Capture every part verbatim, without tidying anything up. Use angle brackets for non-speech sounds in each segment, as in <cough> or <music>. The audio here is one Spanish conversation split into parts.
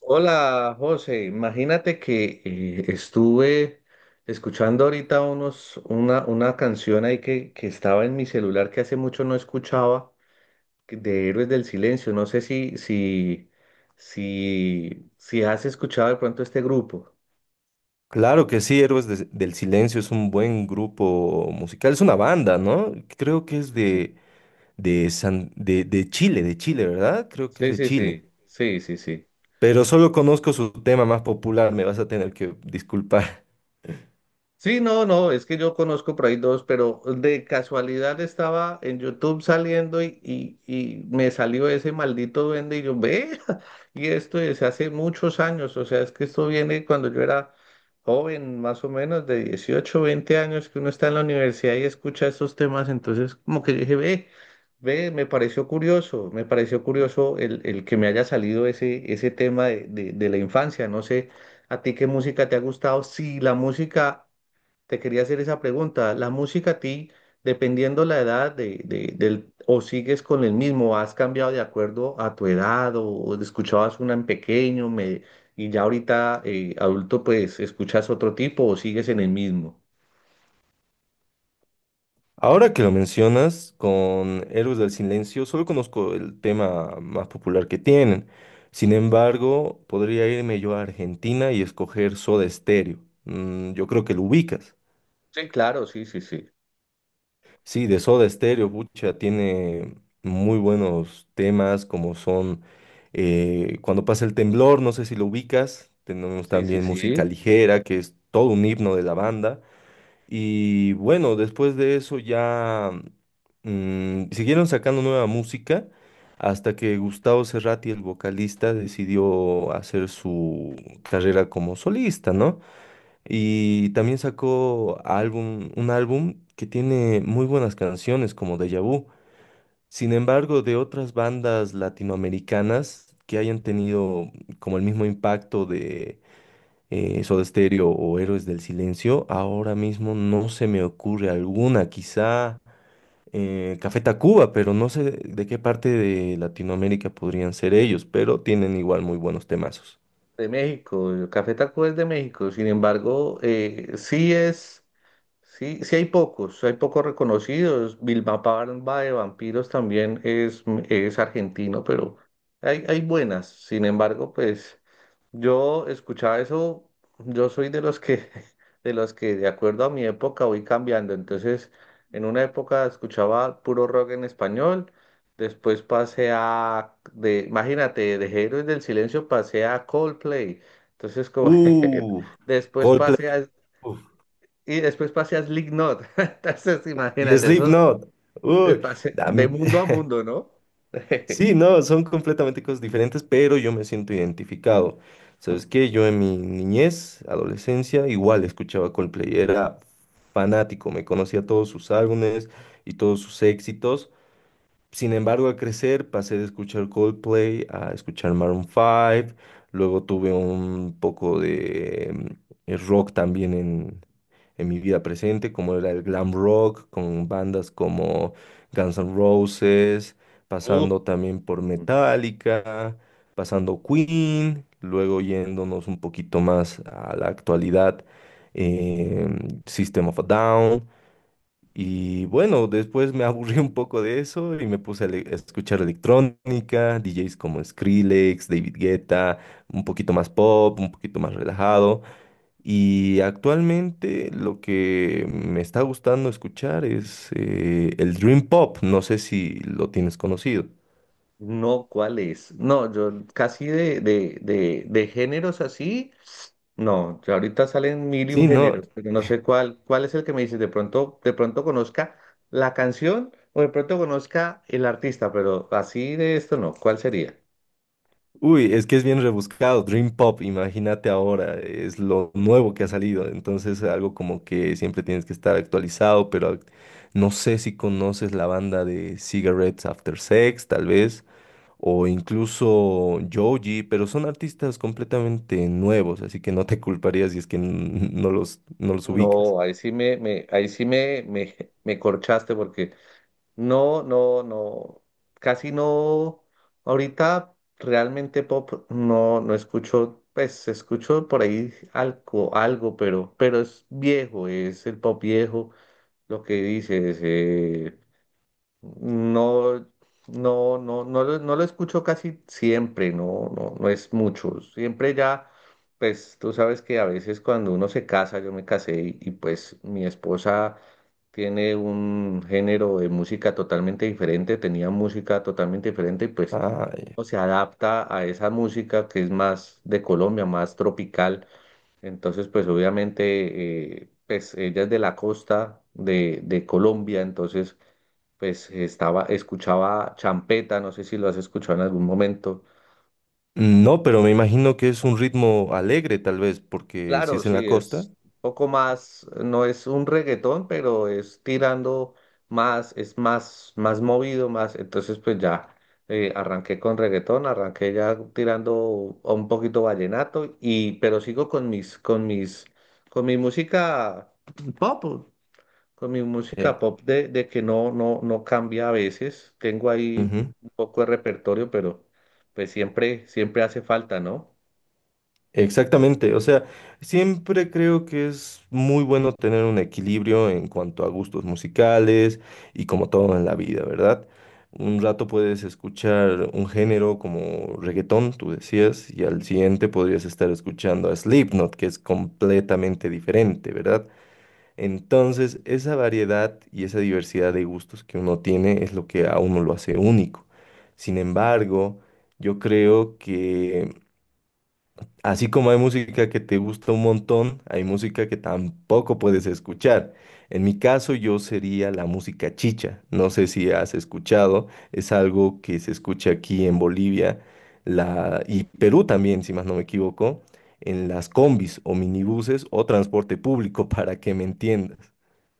Hola, José. Imagínate que eh, estuve escuchando ahorita unos, una, una canción ahí que, que estaba en mi celular que hace mucho no escuchaba, que- de Héroes del Silencio. No sé si, si, si, si has escuchado de pronto este grupo. Claro que sí, Héroes de- del Silencio es un buen grupo musical, es una banda, ¿no? Creo que es Sí, sí. de, de, San- de, de Chile, de Chile, ¿verdad? Creo que es Sí, de sí, Chile. sí. Sí, sí, sí. Pero solo conozco su tema más popular, me vas a tener que disculpar. Sí, no, no, es que yo conozco por ahí dos, pero de casualidad estaba en YouTube saliendo y, y, y me salió ese maldito duende y yo, ve, <laughs> y esto es hace muchos años, o sea, es que esto viene cuando yo era joven, más o menos de dieciocho veinte años, que uno está en la universidad y escucha estos temas, entonces como que yo dije, ve, ve, me pareció curioso, me pareció curioso el, el que me haya salido ese, ese tema de, de de la infancia, no sé. ¿A ti qué música te ha gustado? Si la música te quería hacer esa pregunta. ¿La música a ti, dependiendo la edad de, de- del, o sigues con el mismo, has cambiado de acuerdo a tu edad o, o escuchabas una en pequeño me- y ya ahorita eh, adulto pues escuchas otro tipo o sigues en el mismo? <laughs> Ahora que lo mencionas, con Héroes del Silencio solo conozco el tema más popular que tienen. Sin embargo, podría irme yo a Argentina y escoger Soda Stereo. Mm, yo creo que lo ubicas. Sí, claro, sí, sí, sí. Sí, de Soda Stereo, pucha, tiene muy buenos temas como son eh, Cuando pasa el temblor, no sé si lo ubicas, tenemos Sí, sí, también música sí. ligera, que es todo un himno de la banda. Y bueno, después de eso ya mm, siguieron sacando nueva música hasta que Gustavo Cerati, el vocalista, decidió hacer su carrera como solista, ¿no? Y también sacó álbum, un álbum que tiene muy buenas canciones como Deja Vu. Sin embargo, de otras bandas latinoamericanas que hayan tenido como el mismo impacto de eh, Soda Stereo o Héroes del Silencio, ahora mismo no se me ocurre alguna. Quizá eh, Café Tacuba, pero no sé de qué parte de Latinoamérica podrían ser ellos, pero tienen igual muy buenos temazos. De México, el Café Taco es de México, sin embargo, eh, sí es. Sí, sí hay pocos, hay pocos reconocidos. Vilma Palma de Vampiros también es, es argentino, pero hay, hay buenas. Sin embargo, pues yo escuchaba eso, yo soy de los que, <laughs> de los que de acuerdo a mi época voy cambiando. Entonces, en una época escuchaba puro rock en español, después pasé a, de, imagínate, de Héroes del Silencio pasé a Coldplay. Entonces, como Uh, <laughs> después pasé Coldplay. a y después pasé a Slipknot. <laughs> Entonces, Y imagínate eso, Slipknot. eh, Uy, pasé a de mí- mundo a <laughs> mundo, ¿no? <laughs> sí, no, son completamente cosas diferentes, pero yo me siento identificado. ¿Sabes qué? Yo en mi niñez, adolescencia, igual escuchaba Coldplay, era fanático, me conocía todos sus álbumes y todos sus éxitos. Sin embargo, al crecer pasé de escuchar Coldplay a escuchar Maroon cinco, luego tuve un poco de mm, eh, rock también en mi vida presente, como era el glam rock, con bandas como Guns N' Roses, Uh, pasando también por Metallica, pasando Queen, luego yéndonos un poquito más a la actualidad, eh, System of a Down. Y bueno, después me <laughs> aburrí un poco de eso y me puse a, le- a escuchar electrónica, D Js como Skrillex, David Guetta, un poquito más pop, un poquito más relajado. Y actualmente lo que me está gustando escuchar es eh, el Dream Pop. No sé si lo tienes conocido. no, ¿cuál es? No, yo casi de, de, de, de géneros así, no, ya ahorita salen mil y un Sí, no. géneros, pero no sé cuál, cuál es el que me dices, de pronto, de pronto conozca la canción o de pronto conozca el artista, pero así de esto no, ¿cuál sería? Uy, es que es bien rebuscado. Dream Pop, imagínate ahora, es lo nuevo que ha salido. Entonces, algo como que siempre tienes que estar actualizado, pero ac- no sé si conoces la banda de Cigarettes After Sex, tal vez. O incluso Joji, pero son artistas completamente nuevos, así que no te culparía si es que n- no los, no los ubicas. No, ahí sí me, me, ahí sí me, me, me corchaste porque no, no, no, casi no. Ahorita realmente pop no, no escucho, pues escucho por ahí algo, algo, pero, pero es viejo, es el pop viejo, lo que dices, eh, no, no, no, no lo, no lo escucho casi siempre, no, no, no es mucho. Siempre ya, pues tú sabes que a veces cuando uno se casa, yo me casé y, y, pues mi esposa tiene un género de música totalmente diferente, tenía música totalmente diferente y pues Ay. uno se adapta a esa música que es más de Colombia, más tropical. Entonces, pues obviamente, eh, pues ella es de la costa de, de Colombia, entonces pues estaba, escuchaba champeta, no sé si lo has escuchado en algún momento. No, pero me imagino que es un ritmo alegre tal vez, porque si Claro, es en sí, la costa. es un poco más, no es un reggaetón, pero es tirando más, es más, más movido, más, entonces pues ya eh, arranqué con reggaetón, arranqué ya tirando a un poquito vallenato y, pero sigo con mis, con mis, con mi música pop. Con mi música eh, pop de, de que no, no, no cambia a veces. Tengo ahí un poco de repertorio, pero pues siempre, siempre hace falta, ¿no? Exactamente, o sea, siempre creo que es muy bueno tener un equilibrio en cuanto a gustos musicales y como todo en la vida, ¿verdad? Un rato puedes escuchar un género como reggaetón, tú decías, y al siguiente podrías estar escuchando a Slipknot, que es completamente diferente, ¿verdad? Entonces, esa variedad y esa diversidad de gustos que uno tiene es lo que a uno lo hace único. Sin embargo, yo creo que así como hay música que te gusta un montón, hay música que tampoco puedes escuchar. En mi caso, yo sería la música chicha. No sé si has escuchado, es algo que se escucha aquí en Bolivia la... y Perú también, si más no me equivoco, en las combis o minibuses o transporte público, <laughs> para que me entiendas.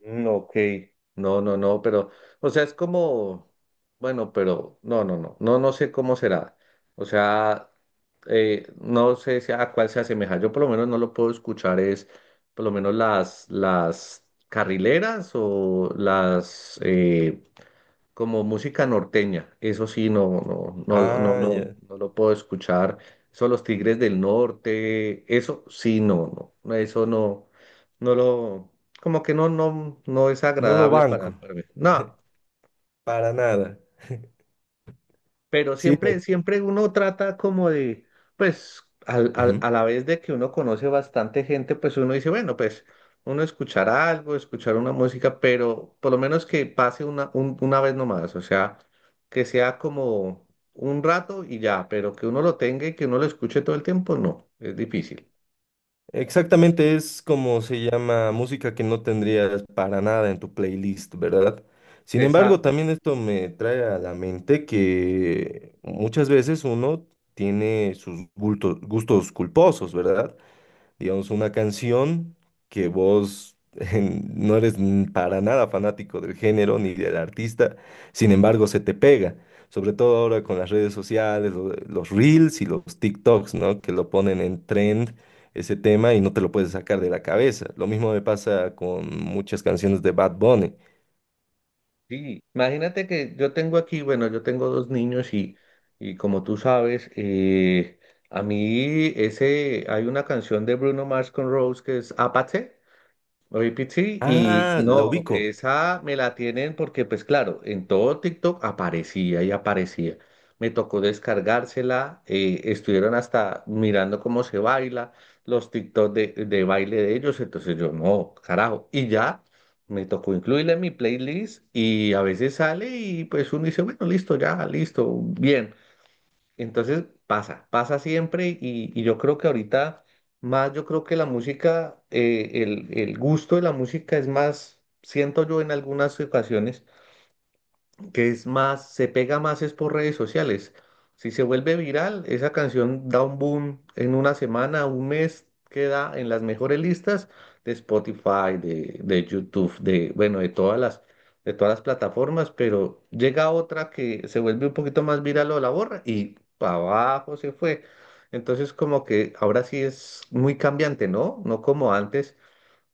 Mm, ok. No, no, no, pero, o sea, es como, bueno, pero no, no, no, no, no sé cómo será. O sea, eh, no sé si a cuál se asemeja. Yo por lo menos no lo puedo escuchar, es por lo menos las, las carrileras o las, eh, como música norteña, eso sí, no, no, no, lo- no, Ah, No. no, ya. no lo puedo escuchar. Son los Tigres del Norte, eso sí, no, no, no, eso no, no lo, como que no, no, no es No lo agradable para, banco, para mí. No, para nada. pero Sí, siempre, me... siempre uno trata como de, pues, al- al- Ujú. a la vez de que uno conoce bastante gente, pues uno dice, bueno, pues, uno escuchar algo, escuchar una música, pero por lo menos que pase una, un- una vez nomás, o sea, que sea como un rato y ya, pero que uno lo tenga y que uno lo escuche todo el tiempo, no, es difícil. Exactamente, es como se llama música que no tendrías para nada en tu playlist, ¿verdad? Sin embargo, Exacto. también esto me trae a la mente que muchas veces uno tiene sus bulto- gustos culposos, ¿verdad? Digamos, una canción que vos <laughs> en- no eres n- para nada fanático del género ni del artista, sin embargo, se te pega, sobre todo ahora con las redes sociales, lo- los reels y los TikToks, ¿no? Que lo ponen en trend ese tema y no te lo puedes sacar de la cabeza. Lo mismo me pasa con muchas canciones de Bad Bunny. Sí, imagínate que yo tengo aquí, bueno, yo tengo dos niños y, y como tú sabes, eh, a mí ese, hay una canción de Bruno Mars con Rose que es Apache. Oye, Pichi, y Ah, la no, ubico. esa me la tienen porque, pues claro, en todo TikTok aparecía y aparecía. Me tocó descargársela, eh, estuvieron hasta mirando cómo se baila, los TikTok de, de baile de ellos, entonces yo, no, carajo, y ya me tocó incluirla en mi playlist y a veces sale y pues uno dice, bueno, listo, ya, listo, bien. Entonces pasa, pasa siempre y, y yo creo que ahorita más, yo creo que la música, eh, el, el gusto de la música es más, siento yo en algunas ocasiones, que es más, se pega más es por redes sociales. Si se vuelve viral, esa canción da un boom en una semana, un mes, queda en las mejores listas de Spotify, de, de YouTube, de, bueno, de todas las, de todas las plataformas, pero llega otra que se vuelve un poquito más viral o la borra y para abajo se fue. Entonces como que ahora sí es muy cambiante, ¿no? No como antes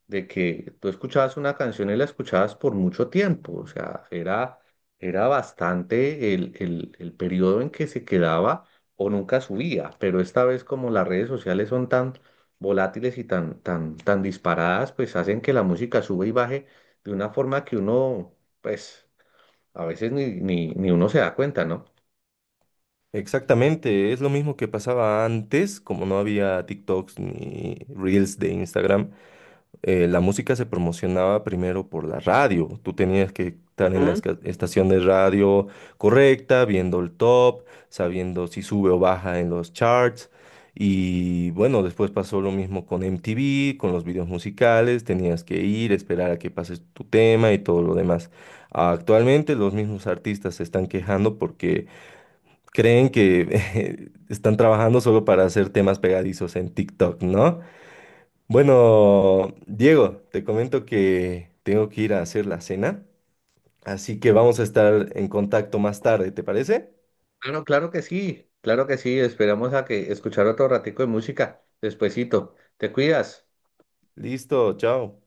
de que tú escuchabas una canción y la escuchabas por mucho tiempo, o sea, era, era bastante el, el, el periodo en que se quedaba o nunca subía, pero esta vez como las redes sociales son tan volátiles y tan, tan, tan disparadas, pues hacen que la música sube y baje de una forma que uno, pues, a veces ni, ni, ni uno se da cuenta, ¿no? Exactamente, es lo mismo que pasaba antes, como no había TikToks ni Reels de Instagram, eh, la música se promocionaba primero por la radio. Tú tenías que estar en la Ujú. esca- estación de radio correcta, viendo el top, sabiendo si sube o baja en los charts. Y bueno, después pasó lo mismo con M T V, con los videos musicales, tenías que ir, esperar a que pases tu tema y todo lo demás. Actualmente los mismos artistas se están quejando, creen que <laughs> están trabajando solo para hacer temas pegadizos en TikTok, ¿no? Bueno, Diego, te comento que tengo que ir a hacer la cena, así que vamos a estar en contacto más tarde, ¿te parece? Claro, claro que sí, claro que sí, esperamos a que escuchar otro ratico de música, despuesito, te cuidas. Listo, chao.